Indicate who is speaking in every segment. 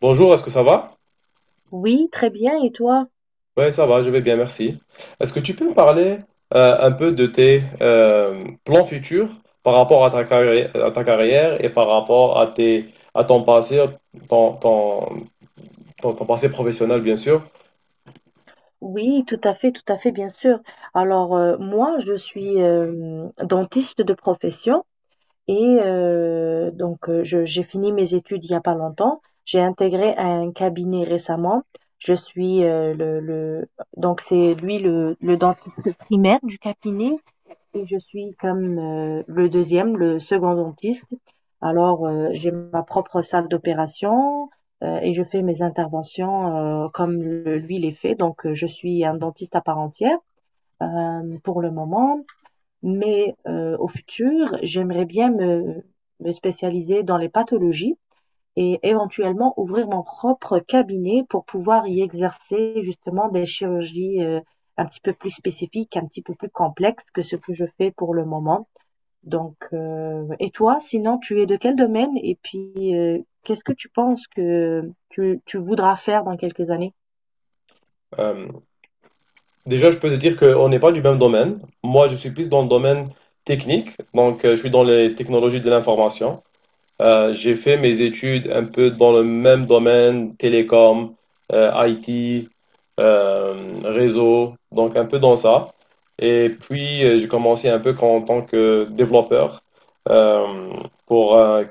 Speaker 1: Bonjour, est-ce que ça va?
Speaker 2: Oui, très bien. Et toi?
Speaker 1: Oui, ça va, je vais bien, merci. Est-ce que tu peux me parler un peu de tes plans futurs par rapport à ta carrière et par rapport à tes, à ton passé, ton, ton, ton passé professionnel, bien sûr.
Speaker 2: Oui, tout à fait, bien sûr. Alors, moi, je suis dentiste de profession et donc j'ai fini mes études il n'y a pas longtemps. J'ai intégré un cabinet récemment. Je suis donc c'est lui le dentiste primaire du cabinet. Et je suis comme le second dentiste. Alors, j'ai ma propre salle d'opération et je fais mes interventions comme lui les fait. Donc, je suis un dentiste à part entière pour le moment. Mais au futur, j'aimerais bien me spécialiser dans les pathologies et éventuellement ouvrir mon propre cabinet pour pouvoir y exercer justement des chirurgies un petit peu plus spécifiques, un petit peu plus complexes que ce que je fais pour le moment. Donc, et toi, sinon, tu es de quel domaine et puis qu'est-ce que tu penses que tu voudras faire dans quelques années?
Speaker 1: Euh, Déjà, je peux te dire qu'on n'est pas du même domaine. Moi, je suis plus dans le domaine technique, donc je suis dans les technologies de l'information. J'ai fait mes études un peu dans le même domaine, télécom, IT, euh, réseau, donc un peu dans ça. Et puis, j'ai commencé un peu en tant que développeur euh, pour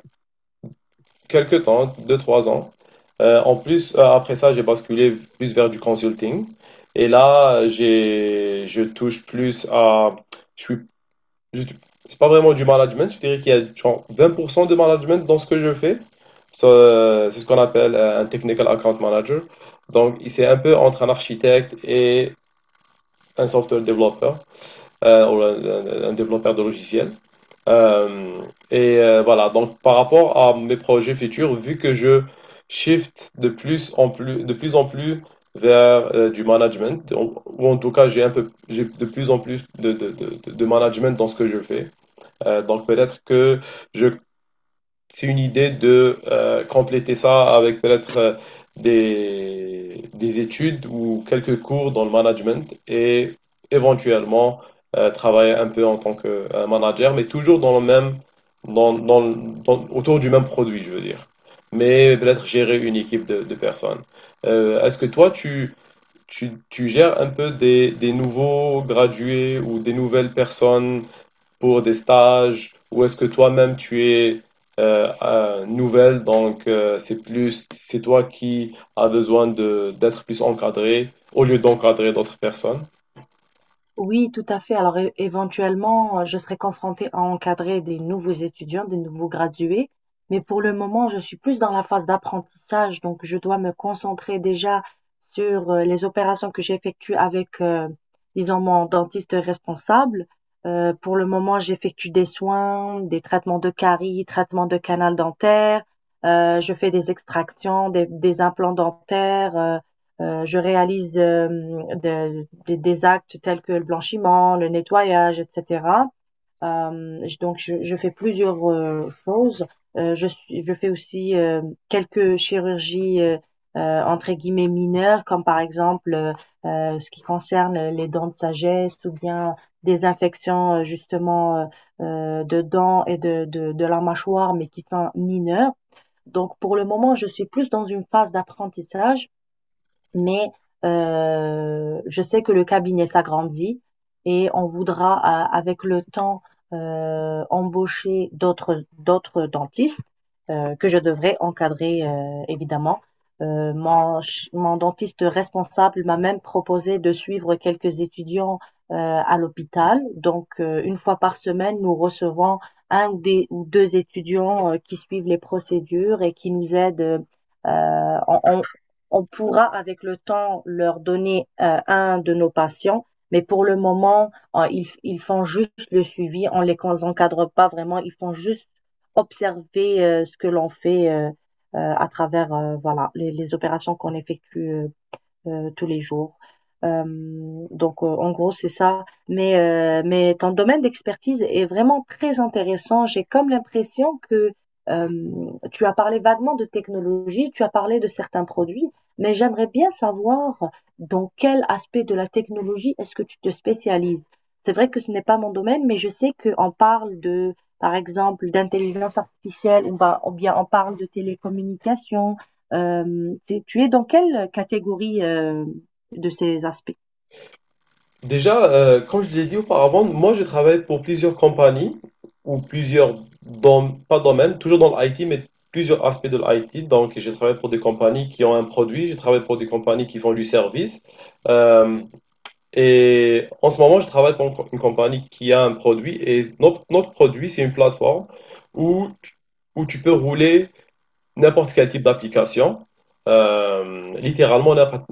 Speaker 1: quelques temps, deux trois ans. Après ça, j'ai basculé plus vers du consulting. Et là, je touche plus à, je suis je- c'est pas vraiment du management, je dirais qu'il y a genre 20% de management dans ce que je fais. C'est ce qu'on appelle un technical account manager. Donc, c'est un peu entre un architecte et un software développeur, euh, ou un, un développeur de logiciel. Euh, voilà, donc par rapport à mes projets futurs, vu que je shift de plus en plus, de plus en plus vers du management, ou en tout cas j'ai un peu, j'ai de plus en plus de management dans ce que je fais. Donc peut-être que je, c'est une idée de compléter ça avec peut-être des études ou quelques cours dans le management et éventuellement travailler un peu en tant que manager, mais toujours dans le même, autour du même produit, je veux dire. Mais peut-être gérer une équipe de personnes. Est-ce que toi, tu gères un peu des nouveaux gradués ou des nouvelles personnes pour des stages ou est-ce que toi-même tu es nouvelle, donc c'est plus c'est toi qui as besoin de d'être plus encadré au lieu d'encadrer d'autres personnes.
Speaker 2: Oui, tout à fait. Alors, éventuellement, je serai confrontée à encadrer des nouveaux étudiants, des nouveaux gradués, mais pour le moment, je suis plus dans la phase d'apprentissage, donc je dois me concentrer déjà sur les opérations que j'effectue avec, disons, mon dentiste responsable. Pour le moment, j'effectue des soins, des traitements de caries, traitements de canal dentaire, je fais des extractions, des implants dentaires. Je réalise des actes tels que le blanchiment, le nettoyage, etc. Donc, je fais plusieurs choses. Je fais aussi quelques chirurgies entre guillemets mineures, comme par exemple ce qui concerne les dents de sagesse ou bien des infections justement de dents et de la mâchoire, mais qui sont mineures. Donc, pour le moment, je suis plus dans une phase d'apprentissage, mais je sais que le cabinet s'agrandit et on voudra, avec le temps, embaucher d'autres dentistes que je devrais encadrer, évidemment. Mon dentiste responsable m'a même proposé de suivre quelques étudiants euh, à l'hôpital. Donc, une fois par semaine, nous recevons un ou, des, ou deux étudiants qui suivent les procédures et qui nous aident. Euh, on, on pourra avec le temps leur donner un de nos patients, mais pour le moment, ils font juste le suivi, on ne les encadre pas vraiment, ils font juste observer ce que l'on fait à travers voilà, les opérations qu'on effectue tous les jours. Euh, donc, en gros, c'est ça. Mais ton domaine d'expertise est vraiment très intéressant. J'ai comme l'impression que euh, tu as parlé vaguement de technologie, tu as parlé de certains produits, mais j'aimerais bien savoir dans quel aspect de la technologie est-ce que tu te spécialises. C'est vrai que ce n'est pas mon domaine, mais je sais qu'on parle de, par exemple, d'intelligence artificielle, ou bien on parle de télécommunications. Hem, tu es dans quelle catégorie, de ces aspects?
Speaker 1: Déjà, comme je l'ai dit auparavant, moi je travaille pour plusieurs compagnies ou plusieurs pas domaines, toujours dans l'IT, mais plusieurs aspects de l'IT. Donc, je travaille pour des compagnies qui ont un produit, je travaille pour des compagnies qui font du service. Euh, Et en ce moment, je travaille pour une une compagnie qui a un produit et notre produit, c'est une plateforme où, tu- où tu peux rouler n'importe quel type d'application, littéralement n'importe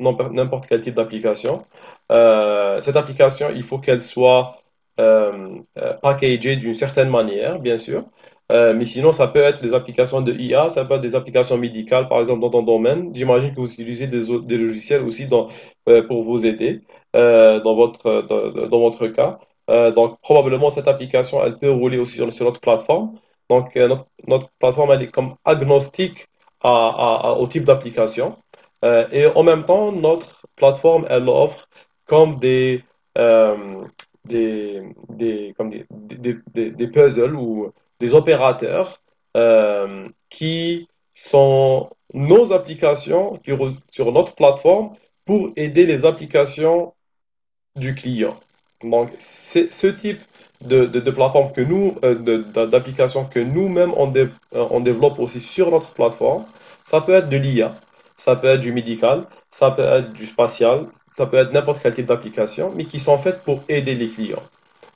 Speaker 1: quel type d'application. Cette application, il faut qu'elle soit packagée d'une certaine manière, bien sûr. Mais sinon, ça peut être des applications de IA, ça peut être des applications médicales, par exemple, dans ton domaine. J'imagine que vous utilisez des logiciels aussi pour vous aider dans dans votre cas. Donc, probablement, cette application, elle peut rouler aussi sur notre plateforme. Donc, notre plateforme, elle est comme agnostique au type d'application. Et en même temps, notre plateforme, elle offre comme des, euh, des, comme des puzzles ou des opérateurs qui sont nos applications sur notre plateforme pour aider les applications du client. Donc, c'est ce type de plateforme que d'application que on développe aussi sur notre plateforme, ça peut être de l'IA, ça peut être du médical, ça peut être du spatial, ça peut être n'importe quel type d'application, mais qui sont faites pour aider les clients.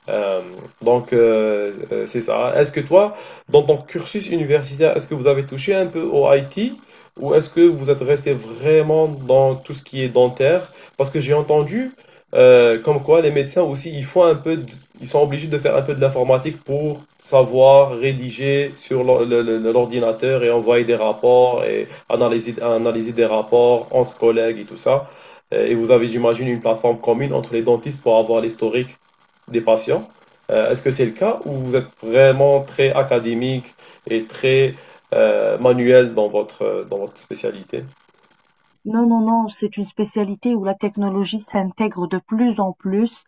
Speaker 1: Euh, c'est ça. Est-ce que toi, dans ton cursus universitaire, est-ce que vous avez touché un peu au IT ou est-ce que vous êtes resté vraiment dans tout ce qui est dentaire? Parce que j'ai entendu comme quoi les médecins aussi, ils font un peu, ils sont obligés de faire un peu de l'informatique pour savoir rédiger sur l'ordinateur et envoyer des rapports et analyser des rapports entre collègues et tout ça. Et vous avez, j'imagine, une plateforme commune entre les dentistes pour avoir l'historique des patients. Est-ce que c'est le cas ou vous êtes vraiment très académique et très manuel dans dans votre spécialité?
Speaker 2: Non, non, non, c'est une spécialité où la technologie s'intègre de plus en plus.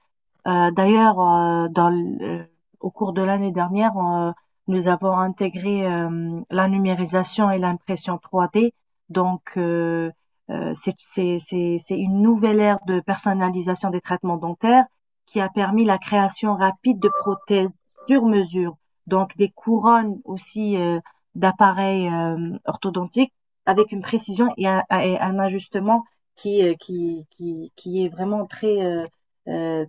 Speaker 2: D'ailleurs, au cours de l'année dernière, nous avons intégré la numérisation et l'impression 3D. Donc, c'est une nouvelle ère de personnalisation des traitements dentaires qui a permis la création rapide de prothèses sur mesure, donc des couronnes aussi d'appareils orthodontiques avec une précision et et un ajustement qui est vraiment euh,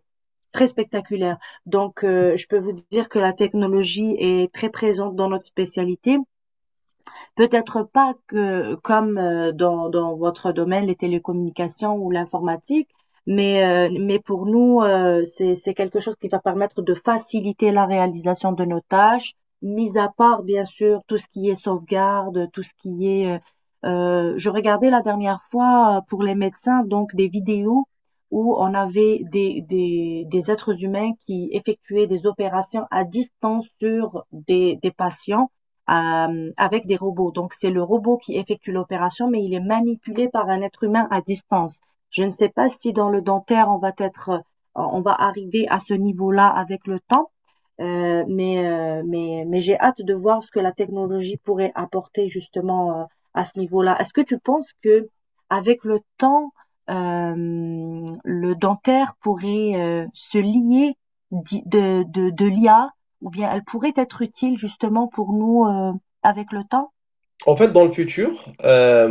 Speaker 2: très spectaculaire. Donc, je peux vous dire que la technologie est très présente dans notre spécialité. Peut-être pas que comme, dans dans votre domaine, les télécommunications ou l'informatique, mais pour nous, c'est quelque chose qui va permettre de faciliter la réalisation de nos tâches, mis à part, bien sûr, tout ce qui est sauvegarde, tout ce qui est, je regardais la dernière fois, pour les médecins, donc des vidéos où on avait des êtres humains qui effectuaient des opérations à distance sur des patients avec des robots. Donc c'est le robot qui effectue l'opération, mais il est manipulé par un être humain à distance. Je ne sais pas si dans le dentaire on va être, on va arriver à ce niveau-là avec le temps, mais j'ai hâte de voir ce que la technologie pourrait apporter justement à ce niveau-là. Est-ce que tu penses que avec le temps, euh, le dentaire pourrait se lier de l'IA ou bien elle pourrait être utile justement pour nous avec le temps?
Speaker 1: En fait, dans le futur, euh,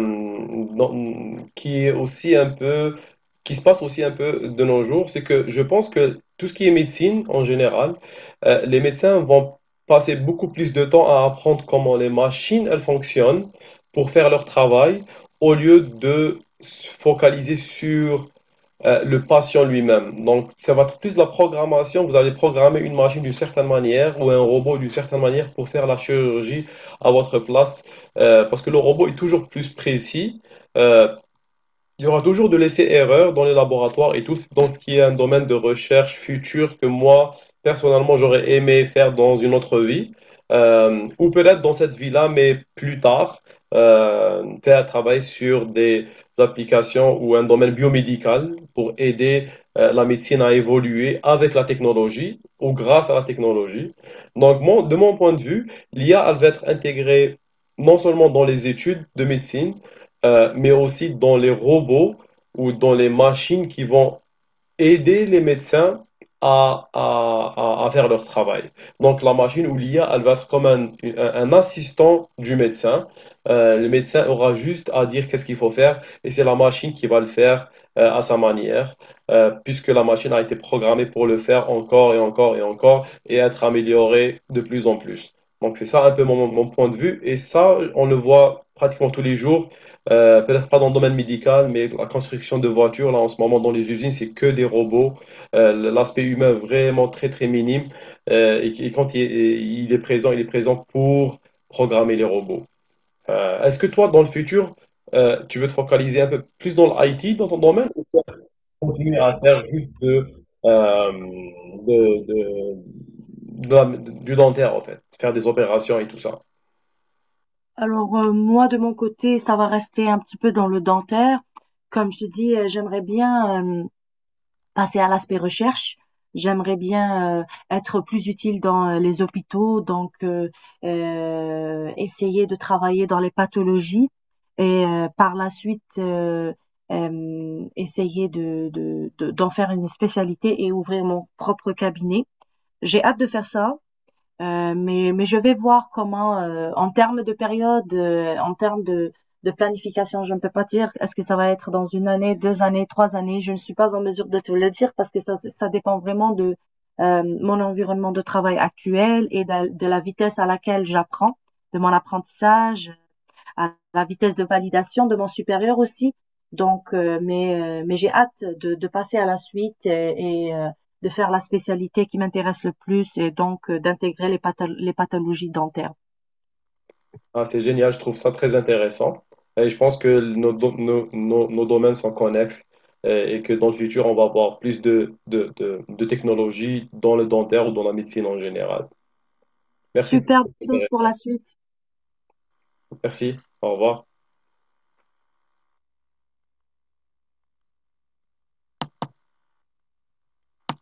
Speaker 1: dans- qui est aussi un peu, qui se passe aussi un peu de nos jours, c'est que je pense que tout ce qui est médecine en général, les médecins vont passer beaucoup plus de temps à apprendre comment les machines elles fonctionnent pour faire leur travail, au lieu de se focaliser sur le patient lui-même. Donc, ça va être plus de la programmation. Vous allez programmer une machine d'une certaine manière ou un robot d'une certaine manière pour faire la chirurgie à votre place. Parce que le robot est toujours plus précis. Euh, il y aura toujours de l'essai-erreur dans les laboratoires et tout, dans ce qui est un domaine de recherche future que moi, personnellement, j'aurais aimé faire dans une autre vie, ou peut-être dans cette vie-là, mais plus tard, faire un travail sur des applications ou un domaine biomédical pour aider la médecine à évoluer avec la technologie ou grâce à la technologie. Donc, de mon point de vue, l'IA, elle va être intégrée non seulement dans les études de médecine, mais aussi dans les robots ou dans les machines qui vont aider les médecins à, à- à faire leur travail. Donc la machine ou l'IA, elle va être comme un assistant du médecin. Le médecin aura juste à dire qu'est-ce qu'il faut faire et c'est la machine qui va le faire à sa manière, puisque la machine a été programmée pour le faire encore et encore et encore et être améliorée de plus en plus. Donc c'est ça un peu mon point de vue et ça, on le voit pratiquement tous les jours peut-être pas dans le domaine médical, mais la construction de voitures, là, en ce moment, dans les usines, c'est que des robots. L'aspect humain vraiment très, très minime. Et quand il est présent pour programmer les robots. Est-ce que toi, dans le futur, tu veux te focaliser un peu plus dans l'IT, dans ton domaine, ou tu vas continuer à faire juste euh, de, de- de du dentaire, en fait, faire des opérations et tout ça?
Speaker 2: Alors moi de mon côté, ça va rester un petit peu dans le dentaire. Comme je te dis, j'aimerais bien passer à l'aspect recherche. J'aimerais bien être plus utile dans les hôpitaux, donc essayer de travailler dans les pathologies et par la suite essayer d'en faire une spécialité et ouvrir mon propre cabinet. J'ai hâte de faire ça. Mais je vais voir comment, en termes de période, en termes de planification, je ne peux pas dire est-ce que ça va être dans 1 année, 2 années, 3 années. Je ne suis pas en mesure de te le dire parce que ça dépend vraiment de mon environnement de travail actuel et de la vitesse à laquelle j'apprends, de mon apprentissage, à la vitesse de validation de mon supérieur aussi. Donc, mais j'ai hâte passer à la suite de faire la spécialité qui m'intéresse le plus et donc d'intégrer les pathologies dentaires.
Speaker 1: Ah, c'est génial, je trouve ça très intéressant. Et je pense que nos, do- nos, nos, nos domaines sont connexes et que dans le futur, on va avoir plus de technologies dans le dentaire ou dans la médecine en général. Merci.
Speaker 2: Superbe chose pour la suite.
Speaker 1: Merci. Au revoir.